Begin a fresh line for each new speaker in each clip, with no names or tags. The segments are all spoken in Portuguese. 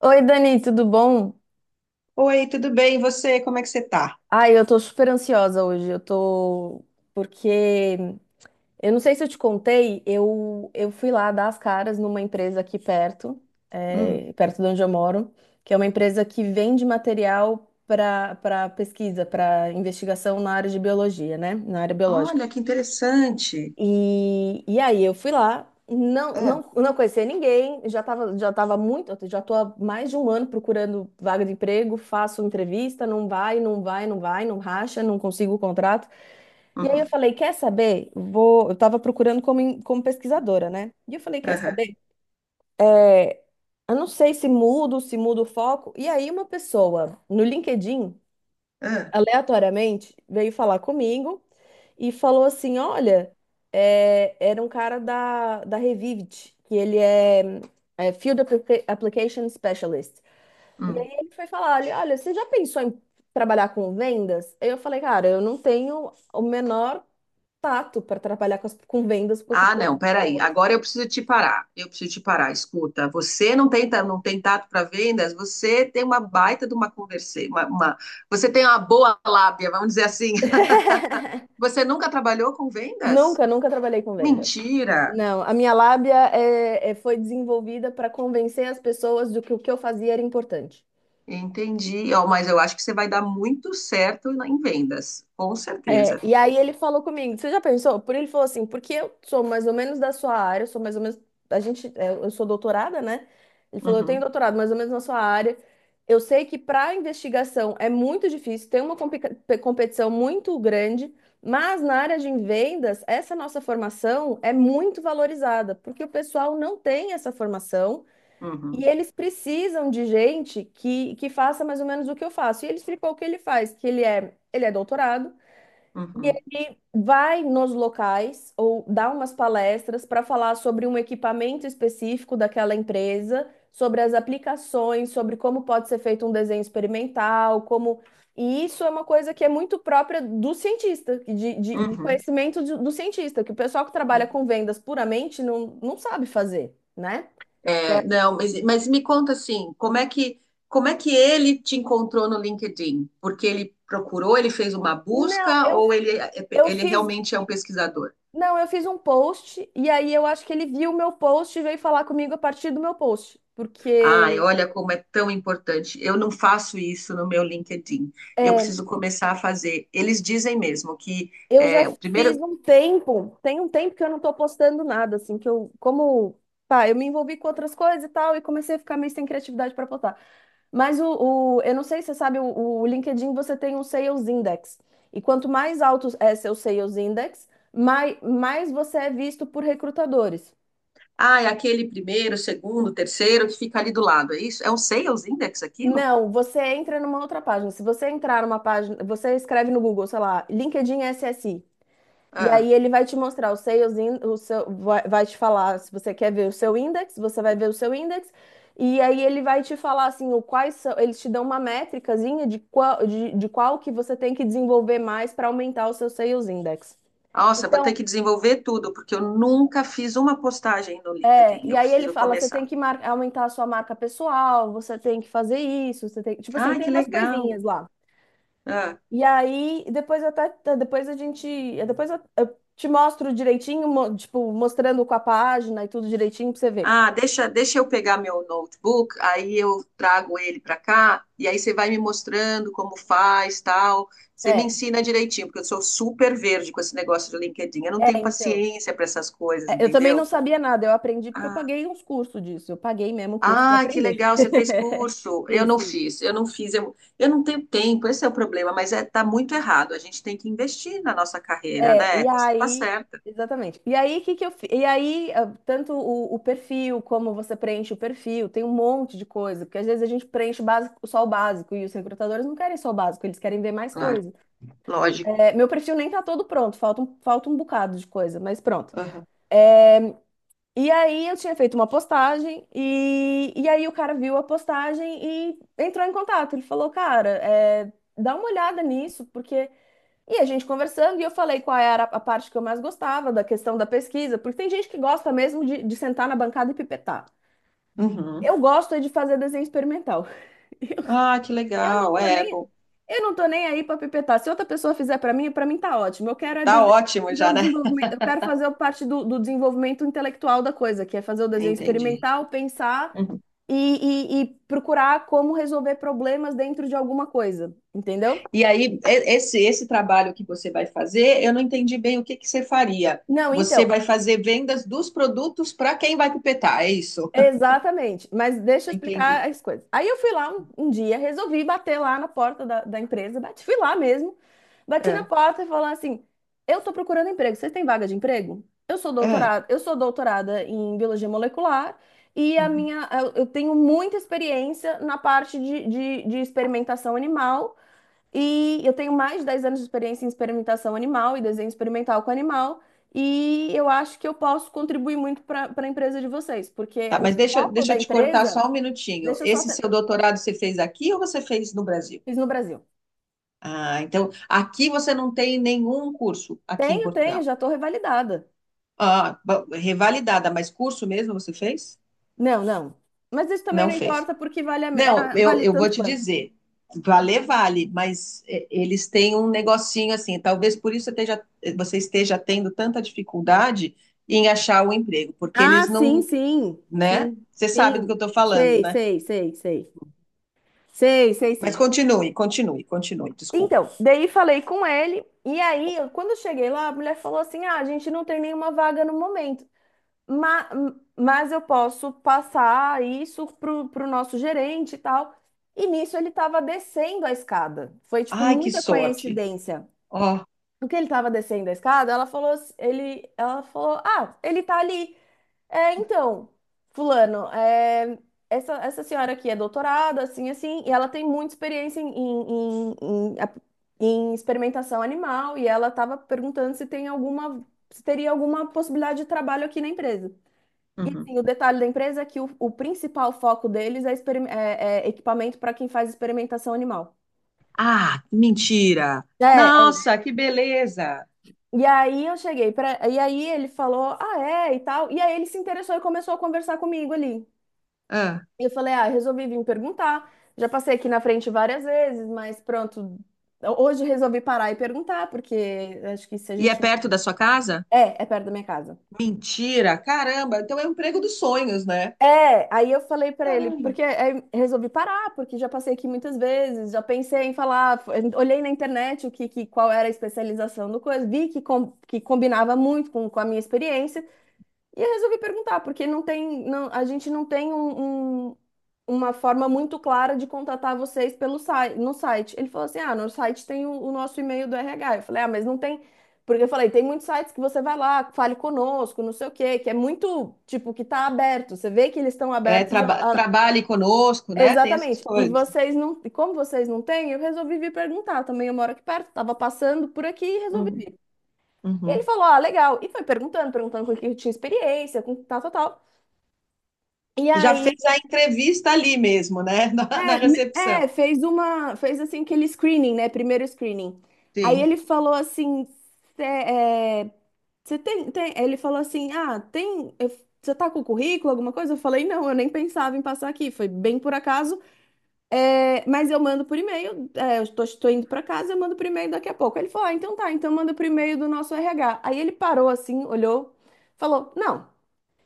Oi, Dani, tudo bom?
Oi, tudo bem? E você? Como é que você tá?
Ai, eu tô super ansiosa hoje. Eu tô. Porque. Eu não sei se eu te contei, eu fui lá dar as caras numa empresa aqui perto,
Hum.
perto de onde eu moro, que é uma empresa que vende material para pesquisa, para investigação na área de biologia, né? Na área biológica.
Olha, que interessante.
E aí eu fui lá, não,
Ah,
não, não conhecia ninguém, já tô há mais de um ano procurando vaga de emprego, faço entrevista, não vai, não vai, não vai, não racha, não consigo o contrato. E aí eu
uhum,
falei, quer saber? Eu tava procurando como, como pesquisadora, né? E eu falei, quer
aham,
saber? É, Eu não sei se mudo, se mudo o foco. E aí uma pessoa no LinkedIn,
ah,
aleatoriamente, veio falar comigo e falou assim: olha, era um cara da Revivit, que é Field Application Specialist. E
hum.
aí ele foi falar: olha, você já pensou em trabalhar com vendas? Aí eu falei: cara, eu não tenho o menor tato para trabalhar com, com vendas com as
Ah, não, peraí.
pessoas.
Agora eu preciso te parar. Eu preciso te parar. Escuta, você não tem, não tem tato para vendas, você tem uma baita de uma conversa, você tem uma boa lábia, vamos dizer assim. Você nunca trabalhou com vendas?
Nunca, nunca trabalhei com venda.
Mentira.
Não, a minha lábia foi desenvolvida para convencer as pessoas de que o que eu fazia era importante.
Entendi. Ó, mas eu acho que você vai dar muito certo em vendas, com certeza.
E aí ele falou comigo, você já pensou? Por Ele falou assim, porque eu sou mais ou menos da sua área, eu sou mais ou menos, a gente, é, eu sou doutorada, né? Ele falou, eu tenho
Uhum,
doutorado mais ou menos na sua área. Eu sei que para investigação é muito difícil, tem uma competição muito grande, mas na área de vendas, essa nossa formação é muito valorizada, porque o pessoal não tem essa formação e
uhum,
eles precisam de gente que faça mais ou menos o que eu faço. E ele explicou o que ele faz, que ele é doutorado. E
uhum,
ele vai nos locais ou dá umas palestras para falar sobre um equipamento específico daquela empresa, sobre as aplicações, sobre como pode ser feito um desenho experimental, como. E isso é uma coisa que é muito própria do cientista, de
uhum.
conhecimento do cientista, que o pessoal que trabalha
Uhum.
com vendas puramente não sabe fazer, né?
É, não, mas me conta assim, como é que ele te encontrou no LinkedIn? Porque ele procurou, ele fez uma
Não,
busca ou ele,
eu
ele
fiz.
realmente é um pesquisador?
Não, eu fiz um post e aí eu acho que ele viu o meu post e veio falar comigo a partir do meu post,
Ai,
porque...
olha como é tão importante. Eu não faço isso no meu LinkedIn. Eu
É,
preciso começar a fazer. Eles dizem mesmo que
eu já
é, o
fiz
primeiro,
um tempo, tem um tempo que eu não tô postando nada, assim, pá, eu me envolvi com outras coisas e tal, e comecei a ficar meio sem criatividade para postar. Mas eu não sei se você sabe, o LinkedIn você tem um Sales Index, e quanto mais alto é seu Sales Index, mais você é visto por recrutadores.
ah, é aquele primeiro, segundo, terceiro que fica ali do lado. É isso? É um sales index aquilo?
Não, você entra numa outra página. Se você entrar numa página, você escreve no Google, sei lá, LinkedIn SSI. E
Ah.
aí ele vai te mostrar o seu, vai te falar se você quer ver o seu index, você vai ver o seu index, e aí ele vai te falar assim, o quais são, eles te dão uma métricazinha de qual que você tem que desenvolver mais para aumentar o seu sales index.
Nossa, vou ter
Então,
que desenvolver tudo, porque eu nunca fiz uma postagem no LinkedIn.
e
Eu
aí ele
preciso
fala, você tem
começar.
que aumentar a sua marca pessoal, você tem que fazer isso, você tem, tipo assim,
Ah,
tem
que
umas
legal.
coisinhas lá.
Ah,
E aí, depois eu até, depois a gente, Depois eu te mostro direitinho, tipo, mostrando com a página e tudo direitinho pra você ver.
ah, deixa eu pegar meu notebook, aí eu trago ele para cá, e aí você vai me mostrando como faz, tal. Você me
É,
ensina direitinho, porque eu sou super verde com esse negócio do LinkedIn. Eu não tenho
então,
paciência para essas coisas,
é, eu também não
entendeu?
sabia nada, eu aprendi porque eu
Ah,
paguei uns cursos disso, eu paguei mesmo o curso para
ah, que
aprender.
legal, você fez curso. Eu não
Isso, isso.
fiz, eu não fiz, eu, eu não tenho tempo, esse é o problema, mas é, tá muito errado. A gente tem que investir na nossa carreira,
É,
né?
e
Tá, tá
aí,
certa,
Exatamente. E aí, que eu, fi- e aí, ah, tanto o perfil, como você preenche o perfil, tem um monte de coisa, porque às vezes a gente preenche o básico, só o básico, e os recrutadores não querem só o básico, eles querem ver mais
claro,
coisas.
lógico.
É, meu perfil nem tá todo pronto, falta um bocado de coisa, mas pronto.
Aham.
E aí eu tinha feito uma postagem e aí o cara viu a postagem e entrou em contato. Ele falou, cara, dá uma olhada nisso, porque... E a gente conversando e eu falei qual era a parte que eu mais gostava da questão da pesquisa, porque tem gente que gosta mesmo de sentar na bancada e pipetar.
Uhum.
Eu gosto é de fazer desenho experimental.
Ah, que
Eu não
legal,
tô
é
nem,
bom.
eu não tô nem aí para pipetar. Se outra pessoa fizer para mim tá ótimo. Eu quero é
Tá ótimo
fazer
já,
o
né?
desenvolvimento, eu quero fazer parte do desenvolvimento intelectual da coisa, que é fazer o desenho
Entendi.
experimental, pensar
Uhum.
e procurar como resolver problemas dentro de alguma coisa, entendeu?
E aí, esse trabalho que você vai fazer, eu não entendi bem o que que você faria.
Não,
Você
então.
vai fazer vendas dos produtos para quem vai pipetar, é isso?
Exatamente, mas deixa eu explicar
Entendi.
as coisas. Aí eu fui lá um dia, resolvi bater lá na porta da empresa, bati, fui lá mesmo, bati na
É.
porta e falei assim: eu tô procurando emprego, vocês têm vaga de emprego?
É.
Eu sou doutorada em biologia molecular e a minha, eu tenho muita experiência na parte de experimentação animal e eu tenho mais de 10 anos de experiência em experimentação animal e desenho experimental com animal. E eu acho que eu posso contribuir muito para a empresa de vocês, porque
Tá,
o
mas deixa,
foco
deixa
da
eu te cortar
empresa...
só um minutinho.
Deixa eu só.
Esse
Te-
seu doutorado você fez aqui ou você fez no Brasil?
Fiz no Brasil.
Ah, então aqui você não tem nenhum curso aqui em
Tenho, tenho,
Portugal.
já estou revalidada.
Ah, revalidada, mas curso mesmo você fez?
Não, não. Mas isso também
Não
não
fez.
importa, porque vale, a me- é
Não,
a-
eu,
vale
eu vou
tanto
te
quanto.
dizer, valer vale, mas eles têm um negocinho assim, talvez por isso você esteja tendo tanta dificuldade em achar o emprego, porque
Ah,
eles
sim,
não,
sim,
né?
sim,
Você sabe do que eu
sim.
estou falando,
Sei,
né?
sei, sei, sei. Sei, sei,
Mas
sim.
continue, desculpa.
Então, daí falei com ele, e aí, quando eu cheguei lá, a mulher falou assim: ah, a gente não tem nenhuma vaga no momento, ma- mas eu posso passar isso pro nosso gerente e tal. E nisso ele estava descendo a escada. Foi, tipo,
Ai, que
muita
sorte.
coincidência.
Ó.
No que ele estava descendo a escada, ela falou: ah, ele tá ali. É, então, fulano, essa, essa senhora aqui é doutorada, assim, assim, e ela tem muita experiência em- a- em experimentação animal, e ela estava perguntando se tem alguma, se teria alguma possibilidade de trabalho aqui na empresa. E,
Uhum.
assim, o detalhe da empresa é que o principal foco deles é, é equipamento para quem faz experimentação animal.
Ah, que mentira.
É, é.
Nossa, que beleza.
E aí eu cheguei pra... E aí ele falou, ah, é, e tal. E aí ele se interessou e começou a conversar comigo ali.
Ah,
E eu falei, ah, resolvi vir perguntar. Já passei aqui na frente várias vezes, mas pronto. Hoje resolvi parar e perguntar, porque acho que se a
e é
gente não...
perto da sua casa?
É, é perto da minha casa.
Mentira, caramba. Então é o emprego dos sonhos, né?
É, aí eu falei pra ele,
Caramba.
porque aí resolvi parar, porque já passei aqui muitas vezes, já pensei em falar, olhei na internet o que, qual era a especialização do coisa, vi que, que combinava muito com a minha experiência. E eu resolvi perguntar, porque não tem, não, a gente não tem uma forma muito clara de contatar vocês pelo site, no site. Ele falou assim: ah, no site tem o nosso e-mail do RH. Eu falei, ah, mas não tem. Porque eu falei, tem muitos sites que você vai lá, fale conosco, não sei o quê, que é muito, tipo, que tá aberto. Você vê que eles estão
É,
abertos.
trabalhe conosco, né? Tem essas
Exatamente. E
coisas.
vocês não. E como vocês não têm, eu resolvi vir perguntar. Também eu moro aqui perto, estava passando por aqui e resolvi
Uhum,
vir. E ele
uhum.
falou: ah, legal. E foi perguntando, perguntando com o que eu tinha experiência, com tal, tal, tal. E
Já fez
aí,
a entrevista ali mesmo, né? Na recepção.
é, fez uma, fez assim aquele screening, né? Primeiro screening. Aí
Sim.
ele falou assim, cê, é, cê tem, tem, ele falou assim, ah, você tá com o currículo, alguma coisa? Eu falei, não, eu nem pensava em passar aqui, foi bem por acaso, é, mas eu mando por e-mail, eu tô, tô indo pra casa, eu mando por e-mail daqui a pouco. Ele falou, ah, então tá, então manda por e-mail do nosso RH. Aí ele parou assim, olhou, falou, não,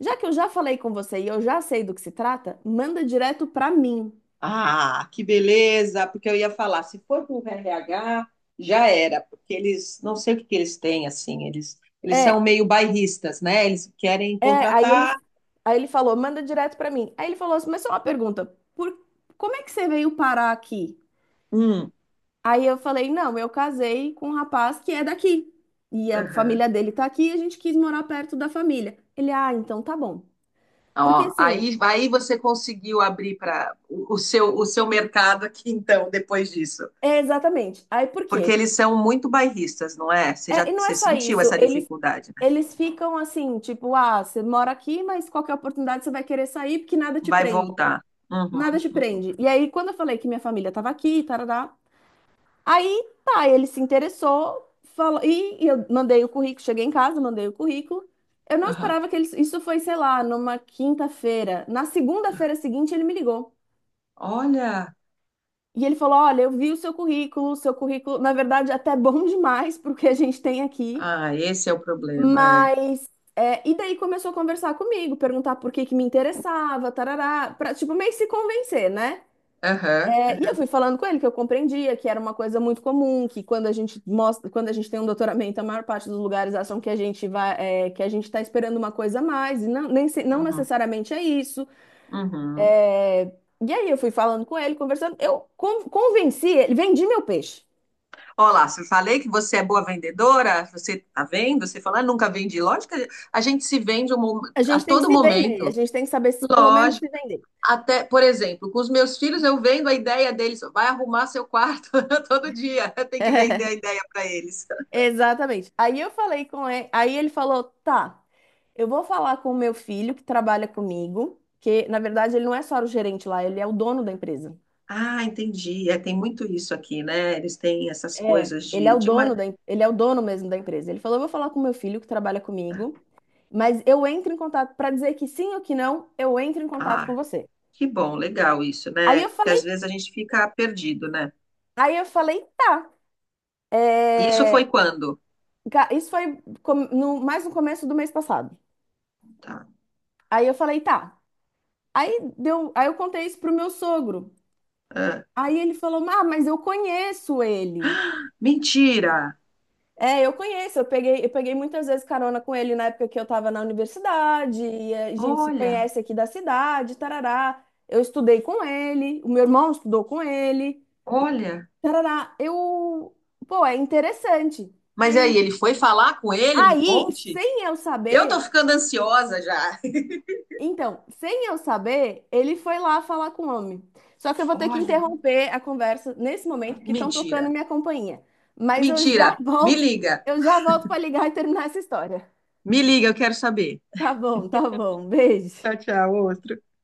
já que eu já falei com você e eu já sei do que se trata, manda direto pra mim.
Ah, que beleza, porque eu ia falar, se for para o RH, já era, porque não sei o que que eles têm, assim, eles
É,
são meio bairristas, né? Eles querem
É, aí ele,
contratar
Aí ele falou, manda direto pra mim. Aí ele falou assim, mas só uma pergunta, por, como é que você veio parar aqui?
um.
Aí eu falei, não, eu casei com um rapaz que é daqui. E a
Aham.
família dele tá aqui e a gente quis morar perto da família. Ele, ah, então tá bom. Porque
Ó,
assim,
aí você conseguiu abrir para o seu, o seu mercado aqui, então, depois disso.
é exatamente. Aí por
Porque
quê?
eles são muito bairristas, não é? Você
É,
já,
e não é
você
só
sentiu
isso,
essa dificuldade, né?
eles ficam assim, tipo, ah, você mora aqui, mas qualquer oportunidade você vai querer sair porque nada te
Vai
prende.
voltar.
Nada
Uhum,
te
uhum,
prende. E aí, quando eu falei que minha família estava aqui, tarará, aí, tá, ele se interessou, falou, e eu mandei o currículo, cheguei em casa, mandei o currículo. Eu não
aham.
esperava que ele, isso foi, sei lá, numa quinta-feira. Na segunda-feira seguinte, ele me ligou.
Olha,
E ele falou: olha, eu vi o seu currículo, na verdade, até bom demais pro que a gente tem aqui.
ah, esse é o problema,
Mas,
é.
e daí começou a conversar comigo, perguntar por que que me interessava, tarará, pra, tipo, meio que se convencer, né?
Aham.
E eu fui falando com ele que eu compreendia que era uma coisa muito comum, que quando a gente mostra, quando a gente tem um doutoramento, a maior parte dos lugares acham que a gente vai, é, que a gente está esperando uma coisa a mais, e não, nem, não
Uhum.
necessariamente é isso.
Uhum.
E aí eu fui falando com ele, conversando, eu convenci ele, vendi meu peixe.
Olá, se eu falei que você é boa vendedora, você tá vendo? Você fala, "Ah, nunca vendi. Lógico que a gente se vende
A
a
gente tem que
todo
se vender, a
momento.
gente tem que saber se, pelo menos
Lógico.
se vender.
Até, por exemplo, com os meus filhos eu vendo a ideia deles, vai arrumar seu quarto todo dia, tem que vender a ideia para eles.
Exatamente. Aí eu falei com ele, aí ele falou, tá. Eu vou falar com o meu filho que trabalha comigo, que na verdade ele não é só o gerente lá, ele é o dono da empresa.
Ah, entendi. É, tem muito isso aqui, né? Eles têm essas
É,
coisas de uma...
ele é o dono mesmo da empresa. Ele falou: "Eu vou falar com meu filho que trabalha comigo, mas eu entro em contato para dizer que sim ou que não, eu entro em contato com
Ah,
você".
que bom, legal isso,
Aí
né?
eu
Porque às
falei,
vezes a gente fica perdido, né?
Aí eu falei: "Tá".
Isso foi quando?
Isso foi mais no começo do mês passado.
Tá.
Aí eu falei: "Tá". Aí deu, aí eu contei isso pro meu sogro.
Ah,
Aí ele falou: "Ah, mas eu conheço ele".
mentira!
É, eu conheço, eu peguei muitas vezes carona com ele na época que eu tava na universidade, e a gente se
Olha.
conhece aqui da cidade, tarará. Eu estudei com ele, o meu irmão estudou com ele,
Olha,
tarará. Eu, pô, é interessante.
mas aí,
Aí,
ele foi falar com ele? Me
aí,
conte.
sem eu
Eu tô
saber,
ficando ansiosa já.
Então, sem eu saber, ele foi lá falar com o homem. Só que eu vou ter que
Olha.
interromper a conversa nesse momento, porque estão
Mentira.
tocando minha campainha. Mas eu
Mentira.
já
Me
volto,
liga.
eu já volto para ligar e terminar essa história.
Me liga, eu quero saber.
Tá bom, tá bom. Beijo.
Tchau, tchau, outro.